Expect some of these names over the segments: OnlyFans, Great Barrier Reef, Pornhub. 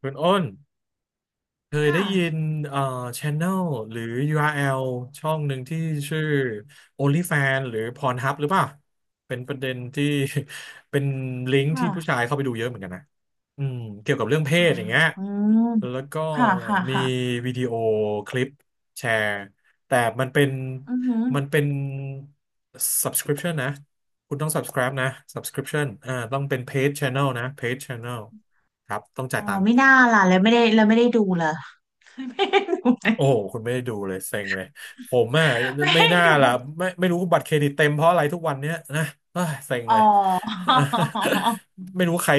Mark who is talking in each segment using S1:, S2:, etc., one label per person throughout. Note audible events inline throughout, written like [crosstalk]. S1: คุณอ้นเค
S2: ค
S1: ยได้ยิน
S2: ่ะ
S1: เอ่อ channel หรือ URL ช่องหนึ่งที่ชื่อ OnlyFans หรือ Pornhub หรือเปล่าเป็นประเด็นที่ [laughs] เป็นลิงก์ที่ผู้ชา
S2: ค่ะ
S1: ยเข้าไปดูเยอะเหมือนกันนะอืมเกี่ยวกับเรื่องเพ
S2: ค่ะ
S1: ศอย่างเงี้ย
S2: อืม
S1: แล้วก็
S2: ค่ะค่ะ
S1: มี
S2: ค่ะ
S1: วิดีโอคลิปแชร์แต่มันเป็น
S2: อือหือ
S1: มันเป็น subscription นะคุณต้อง subscribe นะ subscription อ่าต้องเป็น paid channel นะ paid channel ครับต้อง
S2: อ๋
S1: จ่า
S2: อ
S1: ยตัง
S2: ไม่
S1: ค์
S2: น่าล่ะแล้วไม่ได้แล้วไม่ได้ดูเลย [laughs] ไม่ได้ดูเลย
S1: โอ้โหคุณไม่ได้ดูเลยเซ็งเลยผมอ่ะ
S2: ไม่
S1: ไม่
S2: ได้
S1: น่า
S2: ดู
S1: ล่ะไม่รู้บัตรเครดิตเต็มเพราะอะไรทุกวันเนี้ยนะเอ้ยเซ็ง
S2: อ๋อ
S1: เลย [laughs] ไม่รู้ใคร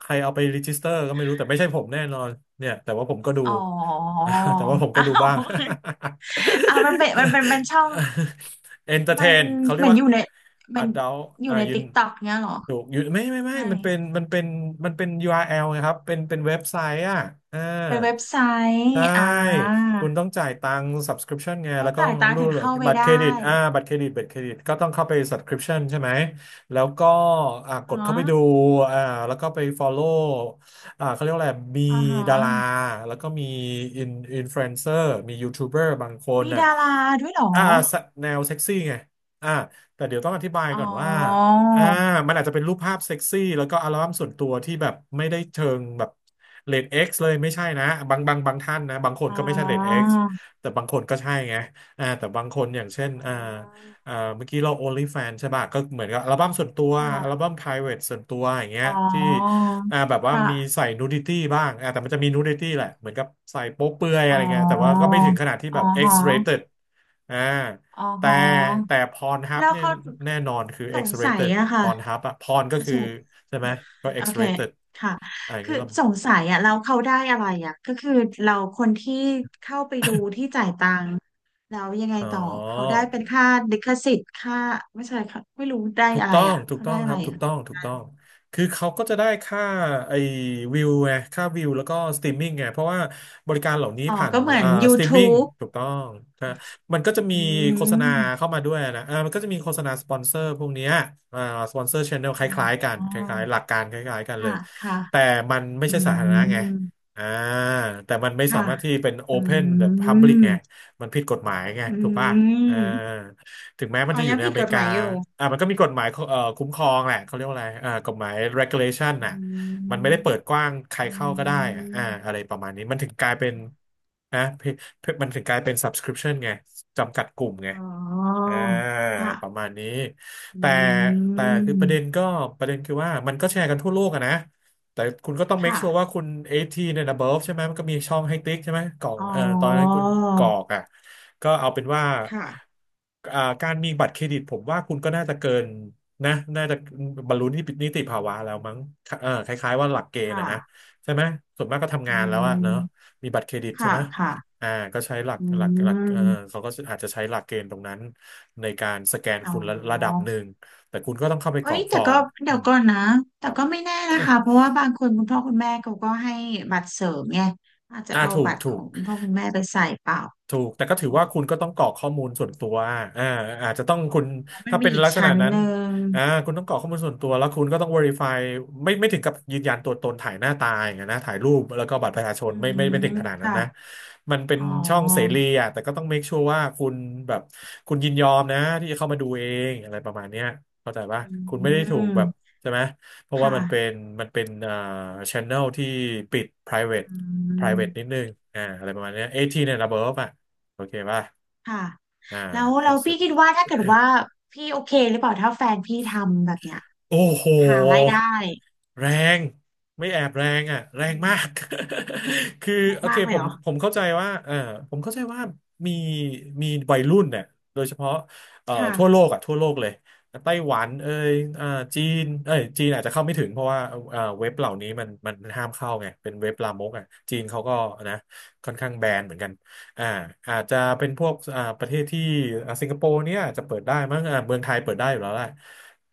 S1: ใครเอาไปรีจิสเตอร์ก็ไม่รู้แต่ไม่ใช่ผมแน่นอนเนี่ยแต่ว่าผมก็ดู
S2: อ๋อ
S1: [laughs] แต่ว่าผมก็
S2: อ้า
S1: ดู
S2: ว
S1: บ้าง
S2: อ้าวมันเป็นมันช่อง
S1: [laughs] เอนเตอร์เท
S2: มัน
S1: นเขาเรี
S2: เห
S1: ย
S2: มื
S1: ก
S2: อน
S1: ว่า
S2: อยู่ในมัน
S1: adult
S2: อยู่
S1: อ่า
S2: ใน
S1: ยืน
S2: ติ๊กต็อกเนี้ยเหรอ
S1: ถูกอยูไม่
S2: ไม่
S1: มันเป็น URL นะครับเป็นเว็บไซต์อ่ะอ่า
S2: เป็นเว็บไซต์
S1: ใช่
S2: อ่า
S1: คุณต้องจ่ายตังค์ subscription ไง
S2: ต้อง
S1: แล้วก็
S2: จ่า
S1: ต้
S2: ย
S1: อง
S2: ตังค์
S1: รู
S2: ถึ
S1: ด
S2: งเข้าไป
S1: บัตรเค
S2: ได้
S1: รดิตอ่าบัตรเครดิตก็ต้องเข้าไป subscription ใช่ไหม แล้วก็อ่ากด
S2: อ๋อ
S1: เข้าไปดูอ่าแล้วก็ไป follow อ่าเขาเรียกว่าอะไร มี
S2: อ่าฮะ
S1: ดาราแล้วก็มี in influencer มียูทูบเบอร์บางคน
S2: มี
S1: น่ะ
S2: ดาราด้วยเหรอ
S1: อ่าแนวเซ็กซี่ไงอ่าแต่เดี๋ยวต้องอธิบาย
S2: อ๋อ
S1: ก่อนว่า อ่ามันอาจจะเป็นรูปภาพเซ็กซี่แล้วก็อัลบั้มส่วนตัวที่แบบไม่ได้เชิงแบบเรทเอ็กซ์เลยไม่ใช่นะบางท่านนะบางคน
S2: อ๋อ
S1: ก็ไม่ใช่เรทเอ็กซ์แต่บางคนก็ใช่ไงอ่าแต่บางคนอย่างเช่นอ่าอ่าเมื่อกี้เรา OnlyFans ใช่ป่ะก็เหมือนกับอัลบั้มส่วนตัว
S2: อม
S1: อัล
S2: ค่ะ
S1: บั้ม private ส่วนตัวอย่างเงี้
S2: อ๋
S1: ย
S2: อ
S1: ที่อ่าแบบว่า
S2: ค่ะ
S1: มีใส่นูดิตี้บ้างอ่าแต่มันจะมีนูดิตี้แหละเหมือนกับใส่โป๊เปลือยอะ
S2: อ๋
S1: ไร
S2: อ
S1: เงี้ยแต่ว่าก็ไม่ถึงขนาดที่
S2: อ๋อ
S1: แบบ X
S2: ฮะ
S1: rated อ่า
S2: อ๋อ
S1: แต่
S2: ฮะ
S1: แต่พรฮับ
S2: แล้ว
S1: เนี่ย
S2: เขา
S1: แน่นอนคือ
S2: สงสัย
S1: X-rated
S2: อะ
S1: พ
S2: ค่ะ
S1: รฮับอะพรก็
S2: เขา
S1: คื
S2: ส
S1: อ
S2: ง
S1: ใช่ไหมก็
S2: โอเค
S1: X-rated
S2: ค่ะ
S1: อะไรอย่าง
S2: คือ
S1: เงี้ยหรอ
S2: สงสัยอะแล้วเขาได้อะไรอะก็คือเราคนที่เข้าไปดูที่จ่ายตังค์แล้วยังไง
S1: อ๋อ
S2: ต่อเขาได้เป็นค่าลิขสิทธิ์ค่าไม่ใช่ค่ะไม่รู้ได้
S1: ถูก
S2: อะไร
S1: ต้อง
S2: อะ
S1: ถูก
S2: เขา
S1: ต้อ
S2: ได้
S1: งค
S2: อะ
S1: รั
S2: ไร
S1: บ ถู
S2: อะ
S1: กต้อง ถูกต้อง คือเขาก็จะได้ค่าไอ้วิวไงค่าวิวแล้วก็สตรีมมิ่งไงเพราะว่าบริการเหล่านี้
S2: อ๋อ
S1: ผ่าน
S2: ก็เหมือน
S1: อ่าสตรีมมิ่ง
S2: YouTube
S1: ถูกต้องนะมันก็จะมี
S2: อื
S1: โฆษณา
S2: ม
S1: เข้ามาด้วยนะอ่ามันก็จะมีโฆษณาสปอนเซอร์พวกเนี้ยอ่าสปอนเซอร์ชแนลค
S2: อ๋อ
S1: ล้ายๆกันคล้ายๆหลักการคล้ายๆกันเล
S2: ค่ะ
S1: ย
S2: ค่ะ
S1: แต่มันไม่
S2: อื
S1: ใช่สาธารณะไง
S2: ม
S1: อ่าแต่มันไม่สา
S2: ค่ะ
S1: มารถที่เป็น
S2: อื
S1: Open the Public
S2: ม
S1: ไงมันผิดกฎหมายไง
S2: อื
S1: ถูกป่ะอ่า
S2: ม
S1: ถึงแม้มั
S2: อ๋
S1: น
S2: อ
S1: จะอ
S2: ยั
S1: ยู่
S2: ง
S1: ใน
S2: ผิ
S1: อ
S2: ด
S1: เม
S2: ก
S1: ริ
S2: ฎห
S1: กา
S2: มายอยู่
S1: อ่ามันก็มีกฎหมายคุ้มครองแหละเขาเรียกว่าอะไรอ่ากฎหมาย regulation
S2: อื
S1: น่ะมันไม่
S2: ม
S1: ได้เปิดกว้างใคร
S2: อื
S1: เข้าก็ได้อะอ่า
S2: ม
S1: อะไรประมาณนี้มันถึงกลายเป็นนะเพมันถึงกลายเป็น subscription ไงจำกัดกลุ่มไง
S2: อ๋อ
S1: อ่า
S2: ค่ะ
S1: ประมาณนี้
S2: อื
S1: แต่แต่คือประเด็น
S2: ม
S1: ก็ประเด็นคือว่ามันก็แชร์กันทั่วโลกอะนะแต่คุณก็ต้อง make
S2: ค่ะ
S1: sure ว่าคุณ18 and above ใช่ไหมมันก็มีช่องให้ติ๊กใช่ไหมกล่อง
S2: อ๋
S1: ตอนนั้น
S2: อ
S1: คุณกรอกอ่ะก็เอาเป็นว่า
S2: ค่ะ
S1: อ่าการมีบัตรเครดิตผมว่าคุณก็น่าจะเกินนะน่าจะบรรลุนิติภาวะแล้วมั้งเออคล้ายๆว่าหลักเกณฑ์
S2: ค่ะ
S1: อะนะใช่ไหมส่วนมากก็ทำ
S2: อื
S1: งานแล้วอะเนาะ
S2: ม
S1: มีบัตรเครดิตใช่
S2: ค่ะ
S1: ไหม
S2: ค่ะ
S1: อ่าก็ใช้หลัก
S2: อื
S1: หลักหลักเออ
S2: ม
S1: เขาก็อาจจะใช้หลักเกณฑ์ตรงนั้น ในการสแกน
S2: อ๋อ
S1: คุณระดับหนึ่งแต่คุณก็ต้องเข้าไปก
S2: เอ้
S1: รอ
S2: ย
S1: กฟ
S2: แต่
S1: อ
S2: ก็
S1: ร์มอื
S2: เดี๋ยว
S1: ม
S2: ก่อนนะ
S1: ค
S2: แต่
S1: รับ
S2: ก็ไม่แน่นะคะเพราะว่าบางคนคุณพ่อคุณแม่เขาก็ให้บัตรเสริมไงอาจจะ
S1: [coughs] อ่า
S2: เอา
S1: ถู
S2: บั
S1: ก
S2: ตร
S1: ถู
S2: ขอ
S1: ก
S2: งคุณพ่อคุณแม่ไปใส่เปล่า
S1: ถูกแต่ก็ถือ
S2: อ๋อ
S1: ว่าคุณก็ต้องกรอกข้อมูลส่วนตัวอ่าอาจจะต้องคุณ
S2: อ๋อมัน
S1: ถ้า
S2: มี
S1: เป็น
S2: อีก
S1: ลักษณะ
S2: ชั้น
S1: นั้
S2: ห
S1: น
S2: นึ่ง
S1: อ่าคุณต้องกรอกข้อมูลส่วนตัวแล้วคุณก็ต้อง verify ไม่ถึงกับยืนยันตัวตนถ่ายหน้าตาอย่างเงี้ยนะถ่ายรูปแล้วก็บัตรประชาช
S2: อื
S1: นไม่
S2: ม
S1: ถึงขนาดนั้น
S2: ค่ะ
S1: นะมันเป็น
S2: อ๋อ
S1: ช่องเสรีอ่ะแต่ก็ต้อง make sure ว่าคุณแบบคุณยินยอมนะที่จะเข้ามาดูเองอะไรประมาณเนี้ยเข้าใจปะ
S2: อ
S1: คุณไม่
S2: ื
S1: ได้ถูกแบบ
S2: ม
S1: ใช่ไหมเพราะว่า
S2: ค่ะ
S1: มันเป็นมันเป็นอ่า channel ที่ปิด private
S2: อืม
S1: private นิดนึงอ่าอะไรประมาณเนี้ย18 a n ระเบิดอ่ะ โอเคป่ะ
S2: ค่ะ
S1: อ่า
S2: แล้ว
S1: คอ
S2: แล้
S1: น
S2: ว
S1: เซ
S2: พี่
S1: ปต์
S2: คิดว่าถ้าเกิดว่าพี่โอเคหรือเปล่าถ้าแฟนพี่ทำแบบเนี้ย
S1: โอ้โห
S2: หารายได้
S1: แรงไม่แอบแรงอ่ะแร
S2: อื
S1: งมา
S2: ม
S1: ก [laughs] คือ
S2: ได้
S1: โอเค
S2: มากเล
S1: ผ
S2: ยเห
S1: ม
S2: รอ
S1: เข้าใจว่าผมเข้าใจว่ามีวัยรุ่นเนี่ยโดยเฉพาะทั่วโล
S2: ค่ะ
S1: กอ่ะทั่วโลกเลยไต้หวันเอ่ยอ่าจีนเอ้ยจีนอาจจะเข้าไม่ถึงเพราะว่าเว็บเหล่านี้มันห้ามเข้าไงเป็นเว็บลามกอ่ะจีนเขาก็นะค่อนข้างแบนเหมือนกัน อ่าอาจจะเป็นพวกประเทศที่สิงคโปร์เนี่ยอาจจะเปิดได้มั้งอ่าเมืองไทยเปิดได้อยู่แล้วแหละ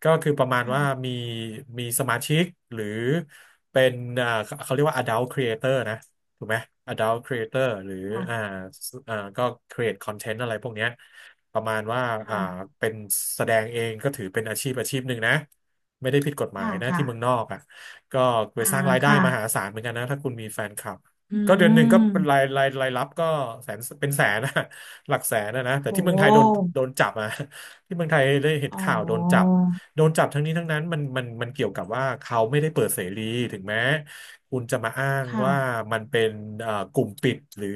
S1: ก็คือประมาณว่า
S2: ค่ะ
S1: มีมีสมาชิกหรือเป็นเขาเรียกว่า adult creator นะถูกไหม adult creator หรืออ่า
S2: ค่ะ
S1: สก็ create content อะไรพวกเนี้ยประมาณว่าอ่า
S2: ค่ะ
S1: เป็นแสดงเองก็ถือเป็นอาชีพหนึ่งนะไม่ได้ผิดกฎหมาย
S2: ค่ะ
S1: นะ
S2: ค่ะ
S1: ที่เมืองนอกอ่ะก็ไป
S2: อ่า
S1: สร้างรายได้มหา
S2: ค่ะ
S1: ศาลเหมือนกันนะถ้าคุณมีแฟนคลับ
S2: อื
S1: ก็เดือนหนึ่งก็เป็นราย
S2: ม
S1: รายรับก็แสนเป็นแสนนะ [laughs] หลักแสนนะนะแต่
S2: โ
S1: ที่เมืองไทยโดน
S2: ห
S1: โดนจับอ่ะ [laughs] ที่เมืองไทยได้เห็น
S2: อ๋
S1: ข่าวโดนจับ
S2: อ
S1: โดนจับทั้งนี้ทั้งนั้นมันเกี่ยวกับว่าเขาไม่ได้เปิดเสรีถึงแม้คุณจะมาอ้างว่า
S2: ค่ะ
S1: มันเป็นกลุ่มปิดหรือ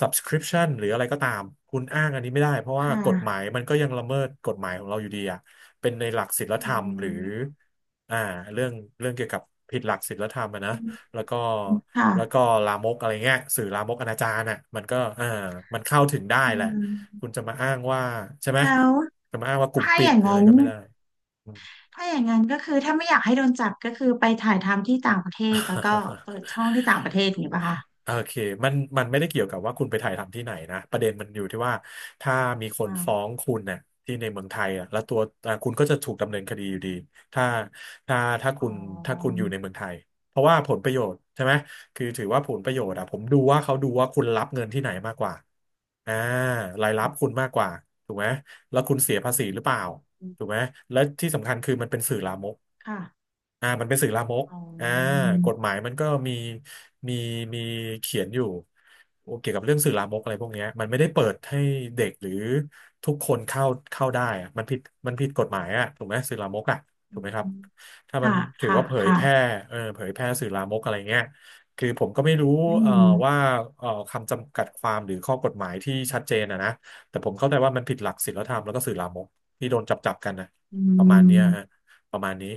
S1: subscription หรืออะไรก็ตามคุณอ้างอันนี้ไม่ได้เพราะว่า
S2: ค่
S1: กฎหมาย
S2: ะ
S1: มันก็ยังละเมิดกฎหมายของเราอยู่ดีอ่ะเป็นในหลักศีลธ
S2: อื
S1: รรมหรือ
S2: ม
S1: อ่าเรื่องเกี่ยวกับผิดหลักศีลธรรมอะนะ
S2: อื
S1: แล้วก็
S2: มค่ะ
S1: แล้วก็ลามกอะไรเงี้ยสื่อลามกอนาจารน่ะมันก็เออมันเข้าถึงได้
S2: อื
S1: แหละคุณ
S2: ม
S1: จะมาอ้างว่าใช่ไหม
S2: แล้ว
S1: จะมาอ้างว่ากลุ่ม
S2: ถ้า
S1: ปิ
S2: อ
S1: ด
S2: ย่าง
S1: หรืออะ
S2: นั้
S1: ไร
S2: น
S1: ก็ไม่ได้อืม
S2: ถ้าอย่างนั้นก็คือถ้าไม่อยากให้โดนจับก็คือไปถ่ายทำที่ต่างประเทศแล้วก็เปิดช่องที่ต่างประเทศอย่างนี้ป่ะคะ
S1: โอเคมันไม่ได้เกี่ยวกับว่าคุณไปถ่ายทำที่ไหนนะประเด็นมันอยู่ที่ว่าถ้ามีคน
S2: อ้าว
S1: ฟ้องคุณเนี่ยที่ในเมืองไทยอ่ะแล้วตัวอ่ะคุณก็จะถูกดำเนินคดีอยู่ดีถ้าถ้าถ้า
S2: อ๋อ
S1: คุณถ้าคุณอยู่ในเมืองไทยเพราะว่าผลประโยชน์ใช่ไหมคือถือว่าผลประโยชน์อ่ะผมดูว่าเขาดูว่าคุณรับเงินที่ไหนมากกว่าอ่ารายรั
S2: อื
S1: บคุณมากกว่าถูกไหมแล้วคุณเสียภาษีหรือเปล่าถู
S2: ม
S1: กไหมและที่สำคัญคือมันเป็นสื่อลามก
S2: ค่ะ
S1: อ่ามันเป็นสื่อลามก
S2: อ๋อ
S1: อ่ากฎหมายมันก็มีมีมีเขียนอยู่เกี่ยวกับเรื่องสื่อลามกอะไรพวกเนี้ยมันไม่ได้เปิดให้เด็กหรือทุกคนเข้าเข้าได้อะมันผิดมันผิดกฎหมายอ่ะถูกไหมสื่อลามกอ่ะถู
S2: อื
S1: กไหมครับ
S2: ม
S1: ถ้ามัน
S2: ค่ะ
S1: ถือ
S2: ค่ะ
S1: ว่าเผย
S2: ค่ะ
S1: แพร่เออเผยแพร่สื่อลามกอะไรเงี้ยคือผมก็ไม่รู้
S2: อื
S1: เอ่อว่า
S2: ม
S1: คำจำกัดความหรือข้อกฎหมายที่ชัดเจนอะนะแต่ผมเข้าใจว่ามันผิดหลักศีลธรรมแล้วก็สื่อลามกที่โดนจับจับกันนะ
S2: อื
S1: ประมาณเนี้ยฮะ
S2: ม
S1: ประมาณนี้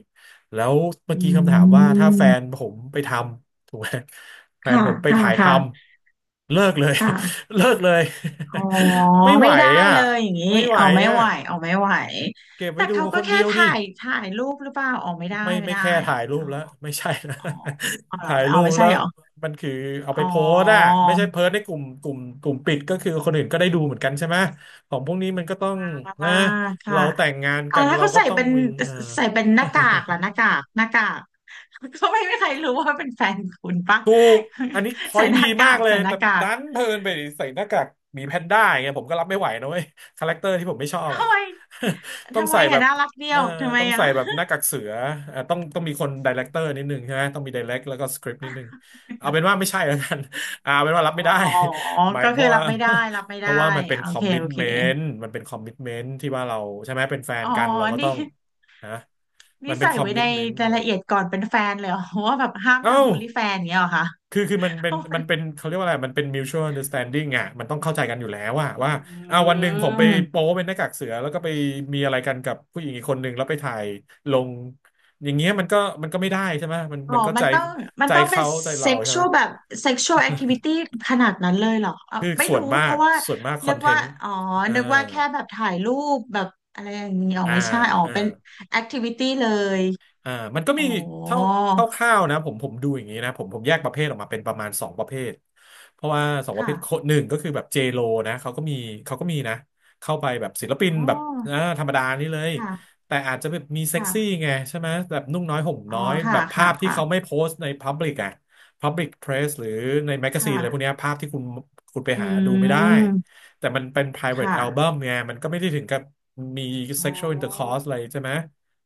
S1: แล้วเมื่
S2: อื
S1: อกี้คำถามว่าถ้าแฟ
S2: ม
S1: นผมไปทำถูกไหมแฟน
S2: ค่ะ
S1: ผมไป
S2: ค่ะ
S1: ถ่ายท
S2: ค่ะ
S1: ำเลิกเลย
S2: ค่ะ
S1: [laughs] เลิกเลย
S2: อ๋อ
S1: [laughs] ไม่ไห
S2: ไม่
S1: ว
S2: ได้
S1: อ่ะ
S2: เลยอย่างนี้
S1: ไม่ไหว
S2: อ๋อไม่
S1: อ่ะ
S2: ไหวอ๋อไม่ไหว
S1: เก็บ
S2: แต่
S1: ไว้ดู
S2: เขา
S1: ค
S2: ก็
S1: น
S2: แค่
S1: เดียวดิ
S2: ถ่ายถ่ายรูปหรือเปล่าอ๋อไม่ได้ไม่
S1: ไม่
S2: ได้
S1: แค่ถ่ายรู
S2: อ๋
S1: ป
S2: อ
S1: แล้วไม่ใช่นะ
S2: อ๋ออ๋อ
S1: [laughs]
S2: เหรอ
S1: ถ่าย
S2: อ๋
S1: รู
S2: อ
S1: ป
S2: ไม่ใช่
S1: แล้ว
S2: เหรอ
S1: มันคือเอาไป
S2: อ๋อ
S1: โพสต์อ่ะไม่ใช่เพิร์ในกลุ่มกลุ่มปิดก็คือคนอื่นก็ได้ดูเหมือนกันใช่ไหมของพวกนี้มันก็ต้อง
S2: อ่า
S1: นะ
S2: ค่ะ
S1: เราแต่งงาน
S2: อ๋อ
S1: กัน
S2: แล้ว
S1: เรา
S2: เขา
S1: ก็
S2: ใส่
S1: ต้อง
S2: เป็น
S1: มีเออ
S2: ใส่เป็นหน้ากากล่ะห
S1: [laughs]
S2: น้ากากหน้ากากเขาไม่ใครรู้ว่าเป็นแฟนคุณปะ
S1: ถูกอันนี้พอ
S2: ใส่
S1: ยต์
S2: ห
S1: ดี
S2: น้า
S1: มา
S2: กา
S1: ก
S2: ก
S1: เลย
S2: ใส่หน้า
S1: แต่
S2: กาก
S1: ดันเพลินไปใส่หน้ากากหมีแพนด้าอย่างเงี้ยผมก็รับไม่ไหวนะเว้ยคาแรคเตอร์ที่ผมไม่ชอบอ่ะ
S2: ทำไม
S1: [laughs] ต้อง
S2: ทำไม
S1: ใส่แบ
S2: อ่ะ
S1: บ
S2: น่ารักเดี
S1: เอ
S2: ย
S1: อ
S2: วทำไม
S1: ต้อง
S2: อ่ะ
S1: ใส่แบบหน้ากากเสืออ่ะต้องต้องมีคนไดเรคเตอร์นิดนึงใช่ไหมต้องมีไดเรคแล้วก็สคริปต์นิดนึงเอาเป็นว่าไม่ใช่แล้วกัน [laughs] อ่าเอาเป็นว่ารับ
S2: อ๋อ
S1: ไม่ได้
S2: อ๋ออ๋อ
S1: [laughs] หมาย
S2: ก็
S1: เพ
S2: คือ
S1: ราะ
S2: รั
S1: ว่า
S2: บไม่ได้รับไม่
S1: [laughs] เพ
S2: ได้
S1: ราะว่ามันเป็น
S2: โอ
S1: คอ
S2: เค
S1: มมิ t
S2: โอเค
S1: เมนต์มันเป็นคอมมิ t เมนต์ที่ว่าเราใช่ไหมเป็นแฟ
S2: อ๋
S1: น
S2: อ
S1: กันเราก็ต้
S2: นี่
S1: องฮะมั
S2: นี่
S1: นเป็น
S2: ใส่
S1: คอม
S2: ไว้
S1: มิ
S2: ใน
S1: t เมนต์เห
S2: รา
S1: ร
S2: ย
S1: อ
S2: ละเอียดก่อนเป็นแฟนเลยเหรอว่าแบบห้าม
S1: เอ้า
S2: ทำโอลิแฟนเงี้ยเหรอคะ
S1: คือมันเป็นเขาเรียกว่าอะไรมันเป็น mutual understanding อ่ะมันต้องเข้าใจกันอยู่แล้วว่า
S2: อื
S1: อ่าวันหนึ่งผมไป
S2: ม
S1: โป๊เป็นหน้ากากเสือแล้วก็ไปมีอะไรกันกับผู้หญิงอีกคนหนึ่งแล้วไปถ่ายลงอย่างเงี้ยมันก็ไม่ได้ใช่ไหม
S2: อ๋อ
S1: มันก็
S2: มั
S1: ใจ
S2: นต้องมัน
S1: ใจ
S2: ต้องเป็น
S1: เขาใจเรา
S2: เซ็ก
S1: ใช่
S2: ช
S1: ไห
S2: ว
S1: ม
S2: ลแบบเซ็กชวลแอคทิวิตี้ขนาดนั้นเลยเหรอเออ
S1: คือ
S2: ไม่
S1: ส่ว
S2: รู้
S1: นมา
S2: เพ
S1: ก
S2: ราะว่า
S1: คอ
S2: นึก
S1: นเท
S2: ว่า
S1: นต์
S2: อ๋อ
S1: อ่า
S2: นึกว่าแค่แบบถ่ายรูปแบบอะไรอย่างนี้อ๋อ
S1: อ่า
S2: ไม่ใช่อ๋อ
S1: อ่า
S2: เป็นแอคทิวิตี้เลย
S1: อ่ามันก็
S2: อ๋
S1: มี
S2: อ
S1: เท่าเ่าวๆนะผมดูอย่างนี้นะผมแยกประเภทออกมาเป็นประมาณสองประเภทเพราะว่าสองประเภ
S2: ค่ะ
S1: ทโคนหนึ่งก็คือแบบเจโลนะเขาก็มีเขาก็มีนะเข้าไปแบบศิลปิน
S2: อ๋อ
S1: แบบธรรมดานี่เลย
S2: ค่ะ
S1: แต่อาจจะแบบมีเซ็กซี่
S2: ค่ะ
S1: ไงใช่ไหมแบบนุ่งน้อยห่ม
S2: อ๋อ
S1: น้อย
S2: ค่ะ
S1: แบบภา
S2: ค่ะ
S1: พที่เขา
S2: ค่ะ
S1: ไม่โพสต์ในพับลิกอะพับลิกเพรสหรือในแมกกาซีนอะไรพวก
S2: ค่ะ
S1: เนี้ยภาพที่คุณไป
S2: อื
S1: หาดูไม่ได้
S2: ม
S1: แต่มันเป็น private
S2: ค่ะ
S1: album ไงมันก็ไม่ได้ถึงกับมี
S2: อ๋อ
S1: sexual intercourse อะไรใช่ไหม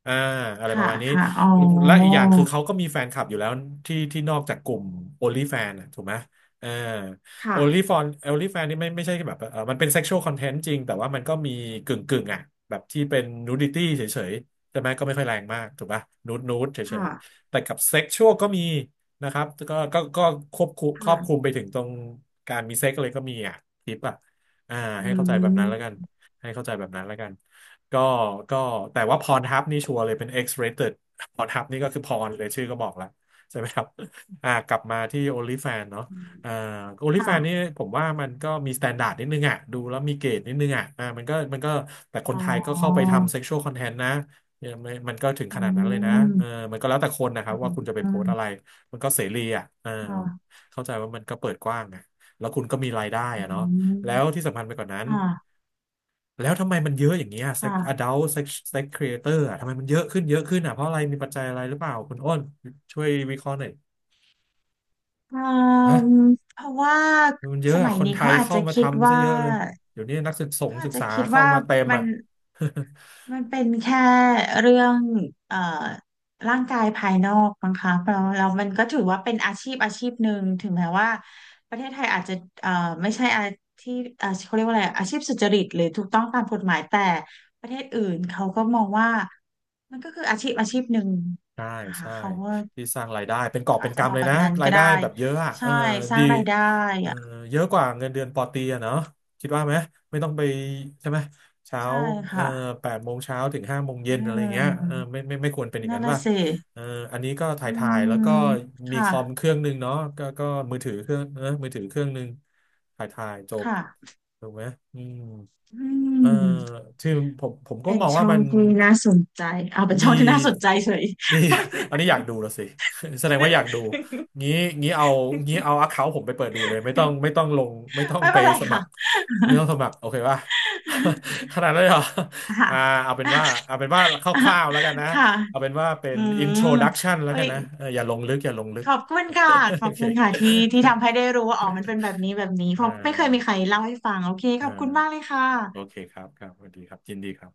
S1: อ่าอะไรป
S2: ค่ะ
S1: ระมาณนี้
S2: ค่ะอ๋อ
S1: และอีกอย่างคือเขาก็มีแฟนคลับอยู่แล้วที่นอกจากกลุ่ม OnlyFans อะถูกไหมเออ
S2: ค่ะ
S1: OnlyFans นี่ไม่ใช่แบบเออมันเป็น sexual content จริงแต่ว่ามันก็มีกึ่งอ่ะแบบที่เป็น nudity เฉยๆใช่ไหมก็ไม่ค่อยแรงมากถูกป่ะนูดนูดเฉ
S2: ค่ะ
S1: ยๆแต่กับ sexual ก็มีนะครับก็ควบคุมครอบคลุม
S2: ค่ะ
S1: ไปถึงตรงการมีเซ็กเลยก็มีอ่ะทิปอ่ะอ่า
S2: อื
S1: ให้เข้าใจแบบนั้นแล้วกัน
S2: ม
S1: ให้เข้าใจแบบนั้นแล้วกันก็ก็แต่ว่าพรทับนี่ชัวร์เลยเป็น X-rated พรทับนี่ก็คือพรเลยชื่อก็บอกแล้วใช่ไหมครับกลับมาที่ OnlyFans เนาะอ่า
S2: ค่ะ
S1: OnlyFans นี่ผมว่ามันก็มี s t ต n d า r d นิดนึงอ่ะดูแล้วมีเกรดนิดนึงอ่ะมันก็แต่ค
S2: อ๋
S1: น
S2: อ
S1: ไทยก็เข้าไปทำ sexual content นะเนี่ยมันก็ถึง
S2: อื
S1: ขนาดนั้นเลยนะเออ
S2: ม
S1: มันก็แล้วแต่คนนะครั
S2: อื
S1: บว่าคุณจะไปโพส
S2: ม
S1: ต์อะไรมันก็เสรีอ่ะเออ
S2: ค่ะ
S1: เข้าใจว่ามันก็เปิดกว้างอ่ะแล้วคุณก็มีรายได้
S2: อื
S1: อ่ะเนาะแล้ว
S2: ม
S1: ที่สำคัญไปกว่านั้น
S2: ค่ะ
S1: แล้วทำไมมันเยอะอย่างเงี้ย sex
S2: ค่ะ
S1: adult sex sex creator อ่ะทำไมมันเยอะขึ้นเยอะขึ้นอ่ะเพราะอะไรมีปัจจัยอะไรหรือเปล่าคุณอ้นช่วยวิเคราะห์หน่อย
S2: เอืม
S1: นะ
S2: เพราะว่า
S1: มันเย
S2: ส
S1: อะ
S2: มั
S1: อ่ะ
S2: ย
S1: คน
S2: นี้
S1: ไท
S2: เขา
S1: ย
S2: อาจ
S1: เข้า
S2: จะ
S1: มา
S2: คิด
S1: ทำซะ
S2: ว่า
S1: เยอะเลยเดี๋ยวนี้นักศึกษง
S2: เขาอา
S1: ศึ
S2: จ
S1: ก
S2: จะ
S1: ษา
S2: คิด
S1: เข้า
S2: ว่า
S1: มาเต็ม
S2: มัน
S1: อ่ะ [laughs]
S2: มันเป็นแค่เรื่องเอ่อร่างกายภายนอกมั้งคะแล้วมันก็ถือว่าเป็นอาชีพอาชีพหนึ่งถึงแม้ว่าประเทศไทยอาจจะเอ่อไม่ใช่อาชีพเขาเรียกว่าอะไรอาชีพสุจริตหรือถูกต้องตามกฎหมายแต่ประเทศอื่นเขาก็มองว่ามันก็คืออาชีพอาชีพหนึ่ง
S1: ใช่
S2: นะคะ
S1: ใช่
S2: เขาว่า
S1: ที่สร้างรายได้เป็นกอบ
S2: เขา
S1: เป็
S2: อาจ
S1: น
S2: จะมอ
S1: กำ
S2: ง
S1: เลย
S2: แบบ
S1: นะ
S2: นั้น
S1: รา
S2: ก็
S1: ยได้
S2: ได้
S1: แบบเยอะอะเอ
S2: ใช่
S1: อ
S2: สร้า
S1: ดี
S2: งรายได้
S1: เออ
S2: อะ
S1: เยอะกว่าเงินเดือนปอตรีอะเนาะคิดว่าไหมไม่ต้องไปใช่ไหมเช้า
S2: ใช่
S1: เออ
S2: ค่ะ
S1: แปดโมงเช้าถึงห้าโมงเย็
S2: เอ
S1: นอะไรเงี้ย
S2: อ
S1: เออไม่ควรเป็นอย่าง
S2: นั่น
S1: นั้น
S2: น่ะ
S1: ป่ะ
S2: สิ
S1: เอออันนี้ก็ถ่า
S2: อื
S1: ยถ่ายแล้วก็
S2: ม
S1: มี
S2: ค่ะ
S1: คอมเครื่องหนึ่งเนาะก็มือถือเครื่องหนึ่งถ่ายจบ
S2: ค่ะ
S1: ถูกไหมอืม
S2: อื
S1: เออ
S2: ม
S1: คือผมก็
S2: เป็น
S1: มองว่า
S2: ช่อ
S1: มั
S2: ง
S1: น
S2: ที่น่าสนใจเอาเป็นช่
S1: มี
S2: องที่น่าสนใจเฉย
S1: มี
S2: [laughs] ไม่เป็น
S1: [laughs] อั
S2: ไ
S1: นนี้อ
S2: ร
S1: ยากดูแล้วสิ [laughs] แสดงว่าอยากดู งี้งี้เอางี้เอาอคเคาท์ผมไปเปิดดูเลยไม่ต้องลงไม่ต้อง
S2: ไม่
S1: ไป
S2: เป็นไร
S1: สมั
S2: ค่ะ
S1: ครไม่ต้องสมัครโอเคป่ะ [laughs] ขนาดนั้นเลยเหรออ่า
S2: ค่ะ
S1: เอาเป็นว่าคร่าวๆแล้วกันนะ
S2: ค่ะ
S1: เอาเป็นว่าเป็น
S2: อืม
S1: introduction แล้ว
S2: โอ้
S1: กั
S2: ย
S1: นนะเอออย่าลงลึก
S2: ข
S1: [laughs]
S2: อบคุณค่ะข
S1: โอ
S2: อบ
S1: เค
S2: คุณค่ะที่ทำให้ได้รู้ว่าอ๋อมันเป็
S1: [laughs]
S2: นแบบนี้แบบนี้เพ
S1: อ่า
S2: ราะไม่เคยมีใครเล่าให้ฟังโอเคข
S1: อ่
S2: อบคุณมากเล
S1: า
S2: ยค่
S1: โอ
S2: ะ
S1: เคครับสวัสดีครับยินดีครับ